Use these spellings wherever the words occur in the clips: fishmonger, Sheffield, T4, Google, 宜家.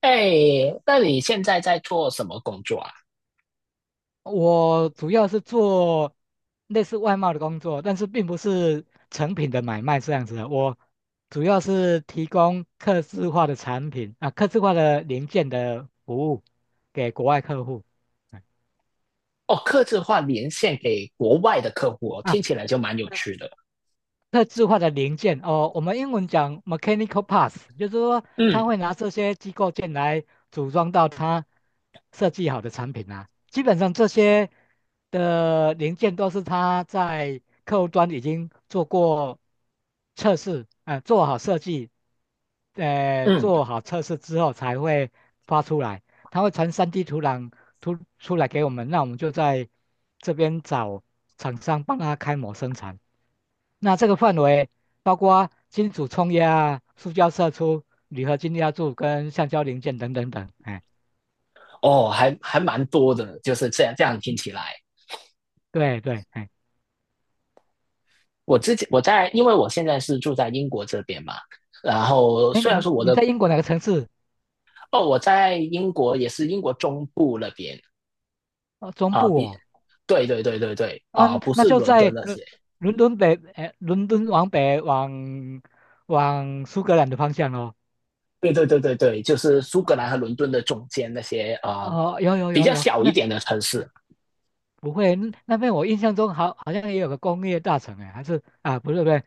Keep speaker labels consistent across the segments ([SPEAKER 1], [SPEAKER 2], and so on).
[SPEAKER 1] 哎，那你现在在做什么工作啊？
[SPEAKER 2] 我主要是做类似外贸的工作，但是并不是成品的买卖这样子的。我主要是提供客制化的产品啊，客制化的零件的服务给国外客户。嗯
[SPEAKER 1] 哦，客制化连线给国外的客户哦，
[SPEAKER 2] 啊，
[SPEAKER 1] 听起来就蛮有趣的。
[SPEAKER 2] 特制化的零件哦，我们英文讲 mechanical parts，就是说
[SPEAKER 1] 嗯
[SPEAKER 2] 他会拿这些机构件来组装到他设计好的产品啊。基本上这些的零件都是他在客户端已经做过测试，做好设计，
[SPEAKER 1] 嗯。
[SPEAKER 2] 做好测试之后才会发出来，他会传 3D 图档图出来给我们，那我们就在这边找厂商帮他开模生产。那这个范围包括金属冲压啊、塑胶射出、铝合金压铸跟橡胶零件等等等。哎，
[SPEAKER 1] 哦，还蛮多的，就是这样听起来。
[SPEAKER 2] 对对，哎，
[SPEAKER 1] 我之前我在，因为我现在是住在英国这边嘛，然后
[SPEAKER 2] 哎，
[SPEAKER 1] 虽然
[SPEAKER 2] 你
[SPEAKER 1] 说我
[SPEAKER 2] 你
[SPEAKER 1] 的。
[SPEAKER 2] 在英国哪个城市？
[SPEAKER 1] 哦，我在英国，也是英国中部那边。
[SPEAKER 2] 哦，中
[SPEAKER 1] 啊，
[SPEAKER 2] 部
[SPEAKER 1] 比
[SPEAKER 2] 哦，
[SPEAKER 1] 对对对对对啊，
[SPEAKER 2] 嗯，
[SPEAKER 1] 不
[SPEAKER 2] 那
[SPEAKER 1] 是
[SPEAKER 2] 就
[SPEAKER 1] 伦敦
[SPEAKER 2] 在
[SPEAKER 1] 那
[SPEAKER 2] 伦
[SPEAKER 1] 些。
[SPEAKER 2] 伦敦北，哎，伦敦往北往苏格兰的方向哦。
[SPEAKER 1] 对对对对对，就是苏格
[SPEAKER 2] 啊，
[SPEAKER 1] 兰和伦敦的中间那些啊，
[SPEAKER 2] 哦，有有
[SPEAKER 1] 比
[SPEAKER 2] 有
[SPEAKER 1] 较
[SPEAKER 2] 有，
[SPEAKER 1] 小一
[SPEAKER 2] 那
[SPEAKER 1] 点的城市。
[SPEAKER 2] 不会，那那边我印象中好像也有个工业大城哎，还是啊，不是不是，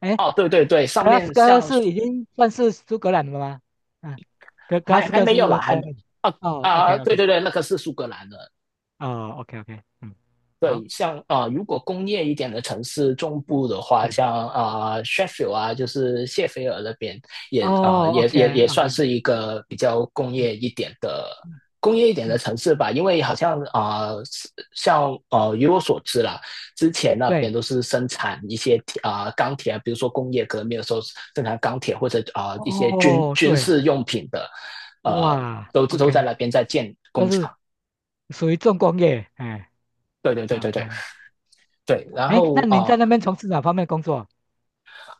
[SPEAKER 2] 哎，
[SPEAKER 1] 哦，对对对，上
[SPEAKER 2] 格拉斯
[SPEAKER 1] 面
[SPEAKER 2] 哥
[SPEAKER 1] 像
[SPEAKER 2] 是已经算是苏格兰了吗？嗯，格格拉
[SPEAKER 1] 还
[SPEAKER 2] 斯
[SPEAKER 1] 还
[SPEAKER 2] 哥是
[SPEAKER 1] 没
[SPEAKER 2] 不
[SPEAKER 1] 有
[SPEAKER 2] 是
[SPEAKER 1] 啦，
[SPEAKER 2] 在
[SPEAKER 1] 还没
[SPEAKER 2] 那边？
[SPEAKER 1] 啊。
[SPEAKER 2] 哦，OK
[SPEAKER 1] 啊，对
[SPEAKER 2] OK，
[SPEAKER 1] 对对，那个是苏格兰的。
[SPEAKER 2] 哦，OK OK，嗯，好，
[SPEAKER 1] 对，像如果工业一点的城市中部的话，
[SPEAKER 2] 对，
[SPEAKER 1] 像Sheffield 啊，就是谢菲尔那边也啊、呃
[SPEAKER 2] 哦
[SPEAKER 1] 也
[SPEAKER 2] ，OK
[SPEAKER 1] 也也算
[SPEAKER 2] OK，
[SPEAKER 1] 是一个比较
[SPEAKER 2] 嗯嗯
[SPEAKER 1] 工业一点的
[SPEAKER 2] 嗯，
[SPEAKER 1] 城市吧。因为好像以我所知啦，之前那边
[SPEAKER 2] 对，
[SPEAKER 1] 都是生产一些钢铁啊，比如说工业革命的时候生产钢铁，或者一些军
[SPEAKER 2] 哦
[SPEAKER 1] 军
[SPEAKER 2] 对，
[SPEAKER 1] 事用品的。呃，
[SPEAKER 2] 哇
[SPEAKER 1] 都在
[SPEAKER 2] ，OK，
[SPEAKER 1] 那边在建
[SPEAKER 2] 都
[SPEAKER 1] 工
[SPEAKER 2] 是
[SPEAKER 1] 厂。
[SPEAKER 2] 属于重工业，哎
[SPEAKER 1] 对对对对对。
[SPEAKER 2] ，OK，
[SPEAKER 1] 对，然
[SPEAKER 2] 哎，那
[SPEAKER 1] 后
[SPEAKER 2] 您在那边从事哪方面工作？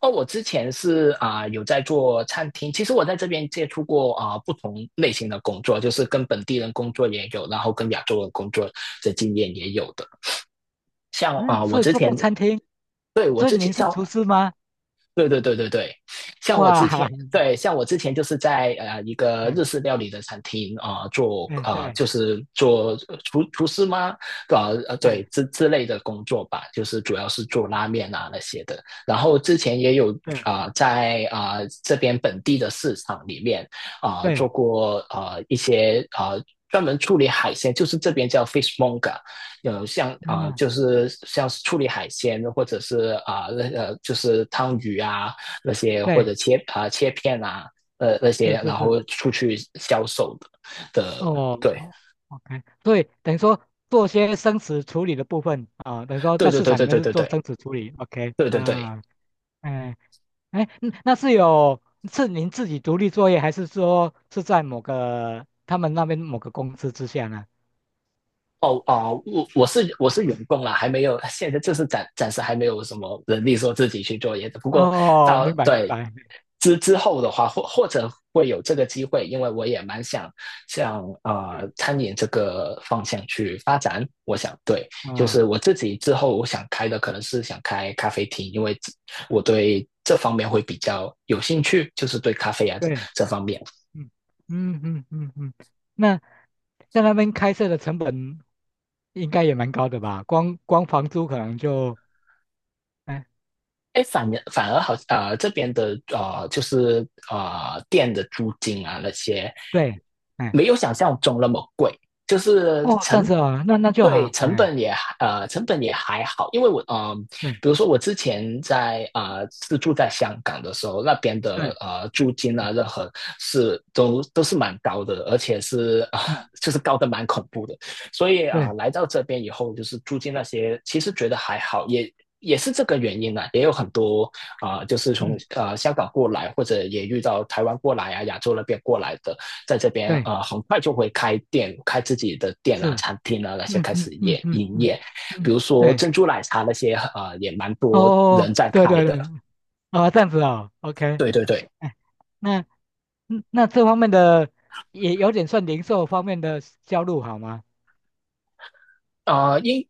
[SPEAKER 1] 哦，我之前是有在做餐厅。其实我在这边接触过不同类型的工作，就是跟本地人工作也有，然后跟亚洲人工作的经验也有的。像
[SPEAKER 2] 嗯，
[SPEAKER 1] 我
[SPEAKER 2] 所以
[SPEAKER 1] 之
[SPEAKER 2] 做
[SPEAKER 1] 前，
[SPEAKER 2] 过餐厅，
[SPEAKER 1] 对，我
[SPEAKER 2] 所以
[SPEAKER 1] 之前
[SPEAKER 2] 您是
[SPEAKER 1] 像，
[SPEAKER 2] 厨师吗？
[SPEAKER 1] 对对对对对，像我之前，
[SPEAKER 2] 哇，
[SPEAKER 1] 对，像我之前就是在一个
[SPEAKER 2] 嗯
[SPEAKER 1] 日式料理的餐厅做
[SPEAKER 2] 嗯，
[SPEAKER 1] 啊，
[SPEAKER 2] 对，
[SPEAKER 1] 就是做厨师吗？对，
[SPEAKER 2] 嗯
[SPEAKER 1] 之类的工作吧，就是主要是做拉面啊那些的。然后之前也有
[SPEAKER 2] 对
[SPEAKER 1] 在这边本地的市场里面
[SPEAKER 2] 对，
[SPEAKER 1] 做过啊，一些啊，专门处理海鲜，就是这边叫 fishmonger。 像
[SPEAKER 2] 嗯
[SPEAKER 1] 就是像是处理海鲜，或者是啊，那就是汤鱼啊那些，或
[SPEAKER 2] 对，
[SPEAKER 1] 者切切片啊，那些，
[SPEAKER 2] 是是
[SPEAKER 1] 然后
[SPEAKER 2] 是。
[SPEAKER 1] 出去销售的，
[SPEAKER 2] 哦
[SPEAKER 1] 对
[SPEAKER 2] 哦，OK，对，等于说做些生词处理的部分啊，等于说
[SPEAKER 1] 对
[SPEAKER 2] 在
[SPEAKER 1] 对
[SPEAKER 2] 市
[SPEAKER 1] 对
[SPEAKER 2] 场里
[SPEAKER 1] 对
[SPEAKER 2] 面
[SPEAKER 1] 对
[SPEAKER 2] 是
[SPEAKER 1] 对
[SPEAKER 2] 做
[SPEAKER 1] 对
[SPEAKER 2] 生词处理，OK，
[SPEAKER 1] 对对对对。
[SPEAKER 2] 啊，哎哎，嗯那是有是您自己独立作业，还是说是在某个他们那边某个公司之下呢？
[SPEAKER 1] 哦哦，我是员工啦，还没有，现在就是暂时还没有什么能力说自己去做椰子。不过
[SPEAKER 2] 哦，
[SPEAKER 1] 到
[SPEAKER 2] 明白明
[SPEAKER 1] 对，
[SPEAKER 2] 白，
[SPEAKER 1] 后的话，或或者会有这个机会，因为我也蛮想向餐饮这个方向去发展。我想，对，
[SPEAKER 2] 嗯
[SPEAKER 1] 就
[SPEAKER 2] 啊，
[SPEAKER 1] 是我自己之后我想开的，可能是想开咖啡厅，因为我对这方面会比较有兴趣，就是对咖啡啊这
[SPEAKER 2] 对，
[SPEAKER 1] 这方面。
[SPEAKER 2] 嗯嗯嗯嗯嗯，那在那边开设的成本应该也蛮高的吧？光房租可能就，哎，
[SPEAKER 1] 哎，反而好。这边的就是店的租金啊那些，
[SPEAKER 2] 对，哎。
[SPEAKER 1] 没有想象中那么贵，就是
[SPEAKER 2] 哦，这样子啊，那那就
[SPEAKER 1] 对，
[SPEAKER 2] 好，
[SPEAKER 1] 成
[SPEAKER 2] 哎，
[SPEAKER 1] 本也，成本也还好。因为我，
[SPEAKER 2] 对
[SPEAKER 1] 比如说我之前在是住在香港的时候，那边的
[SPEAKER 2] 对，
[SPEAKER 1] 租金啊任何是都是蛮高的，而且是啊、
[SPEAKER 2] 嗯，
[SPEAKER 1] 就是高的蛮恐怖的。所以
[SPEAKER 2] 对，
[SPEAKER 1] 来到这边以后，就是租金那些，其实觉得还好。也也是这个原因呢，啊，也有很多就是从
[SPEAKER 2] 嗯，
[SPEAKER 1] 香港过来，或者也遇到台湾过来啊，亚洲那边过来的，在这边
[SPEAKER 2] 对，
[SPEAKER 1] 啊，很快就会开店，开自己的店啊、
[SPEAKER 2] 是，
[SPEAKER 1] 餐厅啊，那些
[SPEAKER 2] 嗯
[SPEAKER 1] 开始
[SPEAKER 2] 嗯嗯
[SPEAKER 1] 也
[SPEAKER 2] 嗯
[SPEAKER 1] 营
[SPEAKER 2] 嗯
[SPEAKER 1] 业。比
[SPEAKER 2] 嗯，
[SPEAKER 1] 如说
[SPEAKER 2] 对，
[SPEAKER 1] 珍珠奶茶那些啊，也蛮多
[SPEAKER 2] 哦，
[SPEAKER 1] 人在
[SPEAKER 2] 对
[SPEAKER 1] 开
[SPEAKER 2] 对对，
[SPEAKER 1] 的。
[SPEAKER 2] 啊，这样子哦，OK，
[SPEAKER 1] 对对对，
[SPEAKER 2] 哎，那嗯那这方面的也有点算零售方面的销路好吗？
[SPEAKER 1] 啊，应，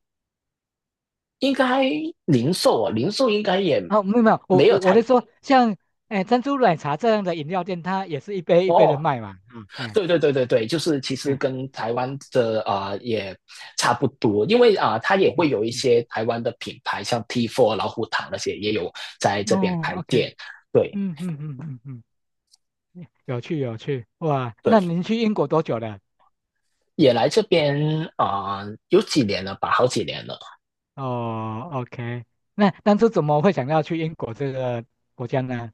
[SPEAKER 1] 应该零售啊，零售应该也
[SPEAKER 2] 啊，没有没有，我
[SPEAKER 1] 没有
[SPEAKER 2] 我我
[SPEAKER 1] 太。
[SPEAKER 2] 在说像哎珍珠奶茶这样的饮料店，它也是一杯一杯的
[SPEAKER 1] 哦，
[SPEAKER 2] 卖嘛，啊，哎
[SPEAKER 1] 对对对对对，就是其实
[SPEAKER 2] 哎，
[SPEAKER 1] 跟台湾的也差不多，因为它也会
[SPEAKER 2] 嗯
[SPEAKER 1] 有一
[SPEAKER 2] 嗯，
[SPEAKER 1] 些台湾的品牌，像 T4 老虎堂那些也有在这边
[SPEAKER 2] 哦
[SPEAKER 1] 开
[SPEAKER 2] ，OK，
[SPEAKER 1] 店。对
[SPEAKER 2] 嗯嗯嗯嗯嗯。嗯 有趣有趣，哇！
[SPEAKER 1] 对，
[SPEAKER 2] 那您去英国多久了？
[SPEAKER 1] 也来这边有几年了吧，好几年了。
[SPEAKER 2] 哦，OK，那当初怎么会想要去英国这个国家呢？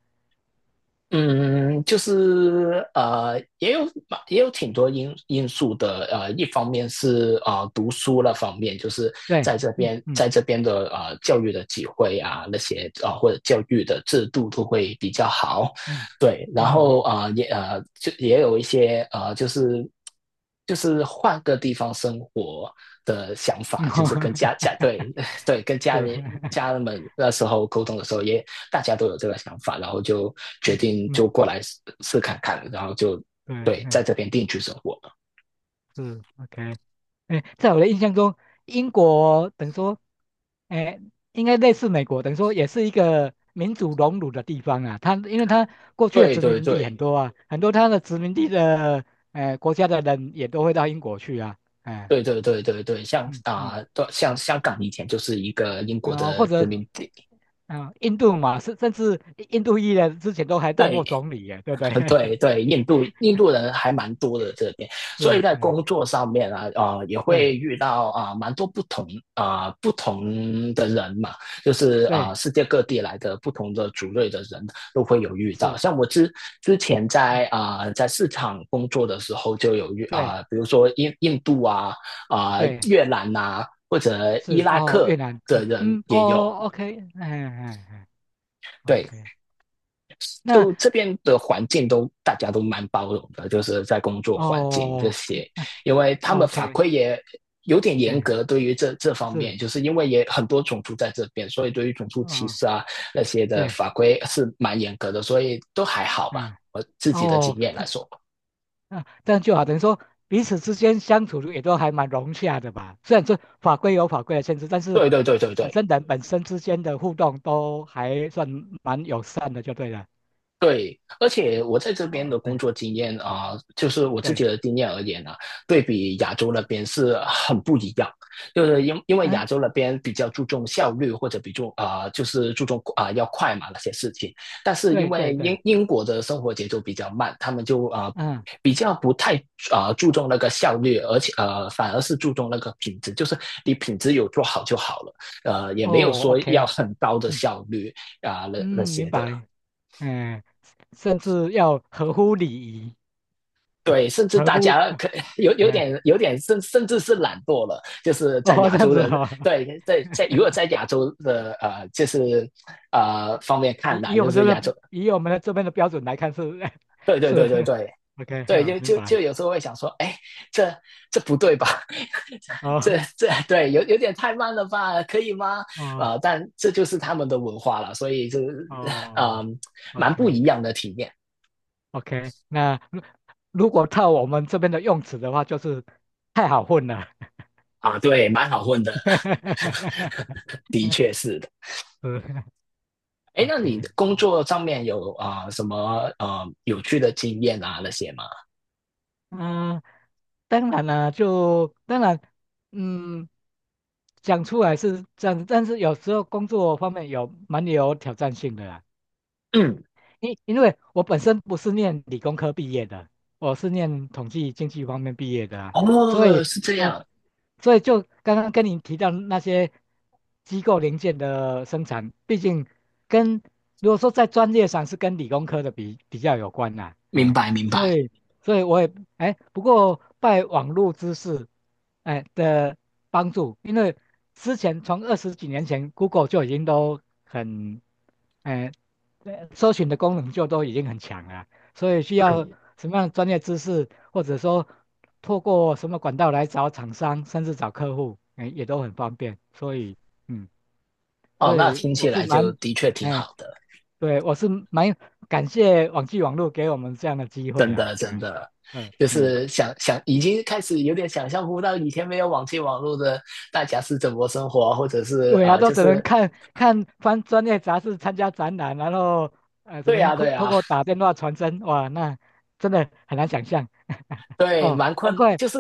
[SPEAKER 1] 嗯，就是也有，也有挺多因素的。一方面是读书那方面，就是
[SPEAKER 2] 对，
[SPEAKER 1] 在这
[SPEAKER 2] 嗯
[SPEAKER 1] 边，
[SPEAKER 2] 嗯
[SPEAKER 1] 在这边的教育的机会啊，那些或者教育的制度都会比较好。
[SPEAKER 2] 嗯
[SPEAKER 1] 对，然后
[SPEAKER 2] 嗯
[SPEAKER 1] 也，就也有一些就是，就是换个地方生活的想法，
[SPEAKER 2] 嗯，嗯
[SPEAKER 1] 就是跟家， 对， 对，跟家
[SPEAKER 2] 是，
[SPEAKER 1] 人， 家人们那时候沟通的时候也大家都有这个想法，然后就决
[SPEAKER 2] 嗯
[SPEAKER 1] 定
[SPEAKER 2] 嗯，
[SPEAKER 1] 就过来试试看看，然后就
[SPEAKER 2] 对，
[SPEAKER 1] 对在
[SPEAKER 2] 嗯
[SPEAKER 1] 这边定居生活。
[SPEAKER 2] 是，OK。哎，在我的印象中，英国等于说，哎，应该类似美国，等于说也是一个民主荣辱的地方啊。它因为它过去的
[SPEAKER 1] 对
[SPEAKER 2] 殖
[SPEAKER 1] 对
[SPEAKER 2] 民地很
[SPEAKER 1] 对
[SPEAKER 2] 多啊，很多它的殖民地的国家的人也都会到英国去啊。哎，
[SPEAKER 1] 对对对对对，像
[SPEAKER 2] 嗯嗯
[SPEAKER 1] 啊，对，像
[SPEAKER 2] 嗯，
[SPEAKER 1] 香港以前就是一个英国
[SPEAKER 2] 然后或
[SPEAKER 1] 的殖
[SPEAKER 2] 者
[SPEAKER 1] 民地。
[SPEAKER 2] 印度嘛，甚至印度裔的之前都还当
[SPEAKER 1] 对，
[SPEAKER 2] 过总理耶，对不对？
[SPEAKER 1] 嗯，对 对，印度，印度人还蛮多的这边，所以
[SPEAKER 2] 是，
[SPEAKER 1] 在
[SPEAKER 2] 哎，
[SPEAKER 1] 工作上面啊，啊，也会
[SPEAKER 2] 对
[SPEAKER 1] 遇到蛮多不同不同的人嘛，就是
[SPEAKER 2] 对
[SPEAKER 1] 世界各地来的不同的族类的人都会有遇到。
[SPEAKER 2] 是，
[SPEAKER 1] 像我之前在
[SPEAKER 2] 嗯
[SPEAKER 1] 在市场工作的时候，就有遇
[SPEAKER 2] 对
[SPEAKER 1] 比如说印度啊，
[SPEAKER 2] 对
[SPEAKER 1] 越南呐，或者伊
[SPEAKER 2] 是，
[SPEAKER 1] 拉
[SPEAKER 2] 哦，越
[SPEAKER 1] 克
[SPEAKER 2] 南，
[SPEAKER 1] 的
[SPEAKER 2] 嗯
[SPEAKER 1] 人
[SPEAKER 2] 嗯，
[SPEAKER 1] 也有。
[SPEAKER 2] 哦，OK，哎哎哎。
[SPEAKER 1] 对，
[SPEAKER 2] OK，那
[SPEAKER 1] 就这边的环境，都大家都蛮包容的，就是在工作环境这
[SPEAKER 2] 哦
[SPEAKER 1] 些，因为他们法
[SPEAKER 2] ，OK，
[SPEAKER 1] 规也有点严
[SPEAKER 2] 哎，
[SPEAKER 1] 格，对于这这方
[SPEAKER 2] 是，
[SPEAKER 1] 面，就是因为也很多种族在这边，所以对于种族歧
[SPEAKER 2] 哦，
[SPEAKER 1] 视啊那些的
[SPEAKER 2] 对，
[SPEAKER 1] 法规是蛮严格的，所以都还好吧，
[SPEAKER 2] 嗯，
[SPEAKER 1] 我自己的经
[SPEAKER 2] 哦，
[SPEAKER 1] 验来
[SPEAKER 2] 这
[SPEAKER 1] 说。
[SPEAKER 2] 啊，这样就好，等于说彼此之间相处也都还蛮融洽的吧。虽然说法规有法规的限制，但是
[SPEAKER 1] 对对对对
[SPEAKER 2] 本
[SPEAKER 1] 对，
[SPEAKER 2] 身人本身之间的互动都还算蛮友善的，就对了。
[SPEAKER 1] 对，而且我在这边
[SPEAKER 2] 哦，
[SPEAKER 1] 的工
[SPEAKER 2] 哎，
[SPEAKER 1] 作经验啊，就是我自己
[SPEAKER 2] 对，
[SPEAKER 1] 的经验而言呢，对比亚洲那边是很不一样。就是因为亚
[SPEAKER 2] 嗯，
[SPEAKER 1] 洲那边比较注重效率，或者比重啊，就是注重啊，要快嘛那些事情。但是因
[SPEAKER 2] 对对
[SPEAKER 1] 为
[SPEAKER 2] 对，
[SPEAKER 1] 英国的生活节奏比较慢，他们就啊，
[SPEAKER 2] 嗯，
[SPEAKER 1] 比较不太啊，注重那个效率，而且反而是注重那个品质，就是你品质有做好就好了，也没有
[SPEAKER 2] 哦
[SPEAKER 1] 说要
[SPEAKER 2] ，OK，
[SPEAKER 1] 很高的
[SPEAKER 2] 嗯
[SPEAKER 1] 效率啊，那那
[SPEAKER 2] 嗯，明
[SPEAKER 1] 些的。
[SPEAKER 2] 白，哎，甚至要合乎礼仪，
[SPEAKER 1] 对，甚至
[SPEAKER 2] 合
[SPEAKER 1] 大
[SPEAKER 2] 乎，
[SPEAKER 1] 家可有有
[SPEAKER 2] 哎，
[SPEAKER 1] 点有点甚至是懒惰了，就是在
[SPEAKER 2] 哦，
[SPEAKER 1] 亚
[SPEAKER 2] 这样
[SPEAKER 1] 洲
[SPEAKER 2] 子
[SPEAKER 1] 人，
[SPEAKER 2] 哦。
[SPEAKER 1] 对，在在如果在亚洲的就是方面
[SPEAKER 2] 以
[SPEAKER 1] 看来，
[SPEAKER 2] 以我
[SPEAKER 1] 就
[SPEAKER 2] 们这
[SPEAKER 1] 是亚
[SPEAKER 2] 边
[SPEAKER 1] 洲。
[SPEAKER 2] 以我们的这边的标准来看是
[SPEAKER 1] 对对对
[SPEAKER 2] 是
[SPEAKER 1] 对对
[SPEAKER 2] ，OK，
[SPEAKER 1] 对，
[SPEAKER 2] 好，
[SPEAKER 1] 就
[SPEAKER 2] 明
[SPEAKER 1] 就就
[SPEAKER 2] 白。
[SPEAKER 1] 有时候会想说，哎，这，这不对吧？
[SPEAKER 2] 哦
[SPEAKER 1] 这，这对有有点太慢了吧，可以吗？
[SPEAKER 2] 哦
[SPEAKER 1] 但这就是他们的文化了，所以就是，
[SPEAKER 2] 哦
[SPEAKER 1] 嗯，蛮不
[SPEAKER 2] ，OK
[SPEAKER 1] 一样的体验
[SPEAKER 2] OK，那如果套我们这边的用词的话，就是太好混了。
[SPEAKER 1] 啊。对，蛮好混的，的确是的。
[SPEAKER 2] 是
[SPEAKER 1] 哎，那你
[SPEAKER 2] OK，
[SPEAKER 1] 工作上面有什么有趣的经验啊那些吗？
[SPEAKER 2] 嗯、当然啦、就当然，嗯，讲出来是这样子，但是有时候工作方面有蛮有挑战性的啦。
[SPEAKER 1] 嗯，
[SPEAKER 2] 因为我本身不是念理工科毕业的，我是念统计经济方面毕业的啊，所
[SPEAKER 1] 哦，
[SPEAKER 2] 以
[SPEAKER 1] 是这
[SPEAKER 2] 呃，
[SPEAKER 1] 样，
[SPEAKER 2] 所以就刚刚跟你提到那些机构零件的生产，毕竟跟如果说在专业上是跟理工科的比较有关啦、
[SPEAKER 1] 明
[SPEAKER 2] 哎，
[SPEAKER 1] 白明
[SPEAKER 2] 所
[SPEAKER 1] 白。
[SPEAKER 2] 以所以我也哎，不过拜网络知识哎的帮助，因为之前从二十几年前，Google 就已经都很。哎，对，搜寻的功能就都已经很强了啊，所以需要什么样的专业知识，或者说透过什么管道来找厂商，甚至找客户，哎，也都很方便。所以，嗯，
[SPEAKER 1] 哦，
[SPEAKER 2] 所
[SPEAKER 1] 那
[SPEAKER 2] 以
[SPEAKER 1] 听起
[SPEAKER 2] 我是
[SPEAKER 1] 来就
[SPEAKER 2] 蛮，
[SPEAKER 1] 的确挺
[SPEAKER 2] 哎，
[SPEAKER 1] 好的，
[SPEAKER 2] 对，我是蛮感谢网际网络给我们这样的机会
[SPEAKER 1] 真
[SPEAKER 2] 啦，
[SPEAKER 1] 的真
[SPEAKER 2] 嗯
[SPEAKER 1] 的，
[SPEAKER 2] 嗯
[SPEAKER 1] 就
[SPEAKER 2] 嗯，
[SPEAKER 1] 是想想已经开始有点想象不到以前没有网际网络的大家是怎么生活啊，或者是
[SPEAKER 2] 对啊，都
[SPEAKER 1] 就
[SPEAKER 2] 只能
[SPEAKER 1] 是，
[SPEAKER 2] 看看翻专业杂志，参加展览，然后只
[SPEAKER 1] 对
[SPEAKER 2] 能
[SPEAKER 1] 呀，对
[SPEAKER 2] 透
[SPEAKER 1] 呀，
[SPEAKER 2] 过打电话传真，哇，那真的很难想象，
[SPEAKER 1] 对，
[SPEAKER 2] 哦，
[SPEAKER 1] 蛮
[SPEAKER 2] 难
[SPEAKER 1] 困，
[SPEAKER 2] 怪。
[SPEAKER 1] 就是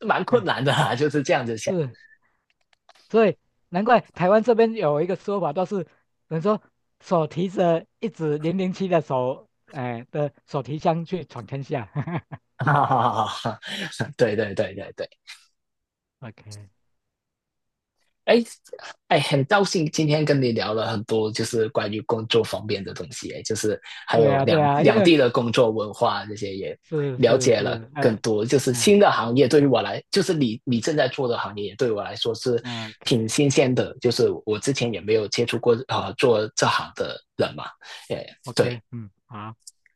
[SPEAKER 1] 蛮
[SPEAKER 2] 嗯
[SPEAKER 1] 困难的啊，就是这样子想。
[SPEAKER 2] 是，所以难怪台湾这边有一个说法，都是等于说手提着一支007的手，哎、的手提箱去闯天下。
[SPEAKER 1] 哈哈哈哈哈，对对对对对。
[SPEAKER 2] OK，
[SPEAKER 1] 哎，哎，很高兴今天跟你聊了很多，就是关于工作方面的东西，就是还
[SPEAKER 2] 对
[SPEAKER 1] 有
[SPEAKER 2] 啊，对
[SPEAKER 1] 两
[SPEAKER 2] 啊，因
[SPEAKER 1] 两
[SPEAKER 2] 为
[SPEAKER 1] 地的工作文化这些也
[SPEAKER 2] 是
[SPEAKER 1] 了
[SPEAKER 2] 是
[SPEAKER 1] 解了
[SPEAKER 2] 是，
[SPEAKER 1] 更多。就是新的行业对于我来，就是你你正在做的行业，对我来说是
[SPEAKER 2] 嗯
[SPEAKER 1] 挺
[SPEAKER 2] ，OK
[SPEAKER 1] 新鲜的，就是我之前也没有接触过做这行的人嘛。哎，
[SPEAKER 2] OK，
[SPEAKER 1] 对，
[SPEAKER 2] 嗯，好，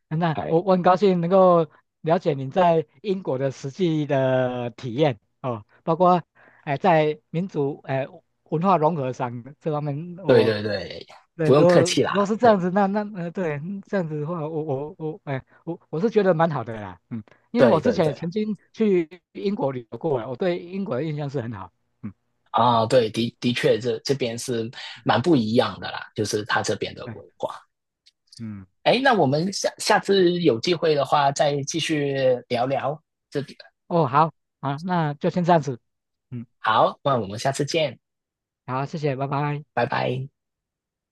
[SPEAKER 2] 那
[SPEAKER 1] 哎，
[SPEAKER 2] 我很高兴能够了解您在英国的实际的体验哦，包括哎、在民族哎、文化融合上这方面，
[SPEAKER 1] 对
[SPEAKER 2] 我
[SPEAKER 1] 对对，
[SPEAKER 2] 对，
[SPEAKER 1] 不用
[SPEAKER 2] 如果
[SPEAKER 1] 客气
[SPEAKER 2] 如果
[SPEAKER 1] 啦，
[SPEAKER 2] 是这
[SPEAKER 1] 对
[SPEAKER 2] 样子，那那对，嗯这样子的话，我，哎，我是觉得蛮好的啦，嗯，因为我
[SPEAKER 1] 对
[SPEAKER 2] 之
[SPEAKER 1] 对
[SPEAKER 2] 前也
[SPEAKER 1] 对。
[SPEAKER 2] 曾经去英国旅游过了我对英国的印象是很好，嗯，
[SPEAKER 1] 啊，对，的的确这，这边是蛮不一样的啦，就是他这边的
[SPEAKER 2] 对，
[SPEAKER 1] 文化。
[SPEAKER 2] 嗯，
[SPEAKER 1] 哎，那我们下次有机会的话，再继续聊聊这。
[SPEAKER 2] 哦，好，好，那就先这样子，嗯，
[SPEAKER 1] 好，那我们下次见，
[SPEAKER 2] 好，谢谢，拜拜。
[SPEAKER 1] 拜拜。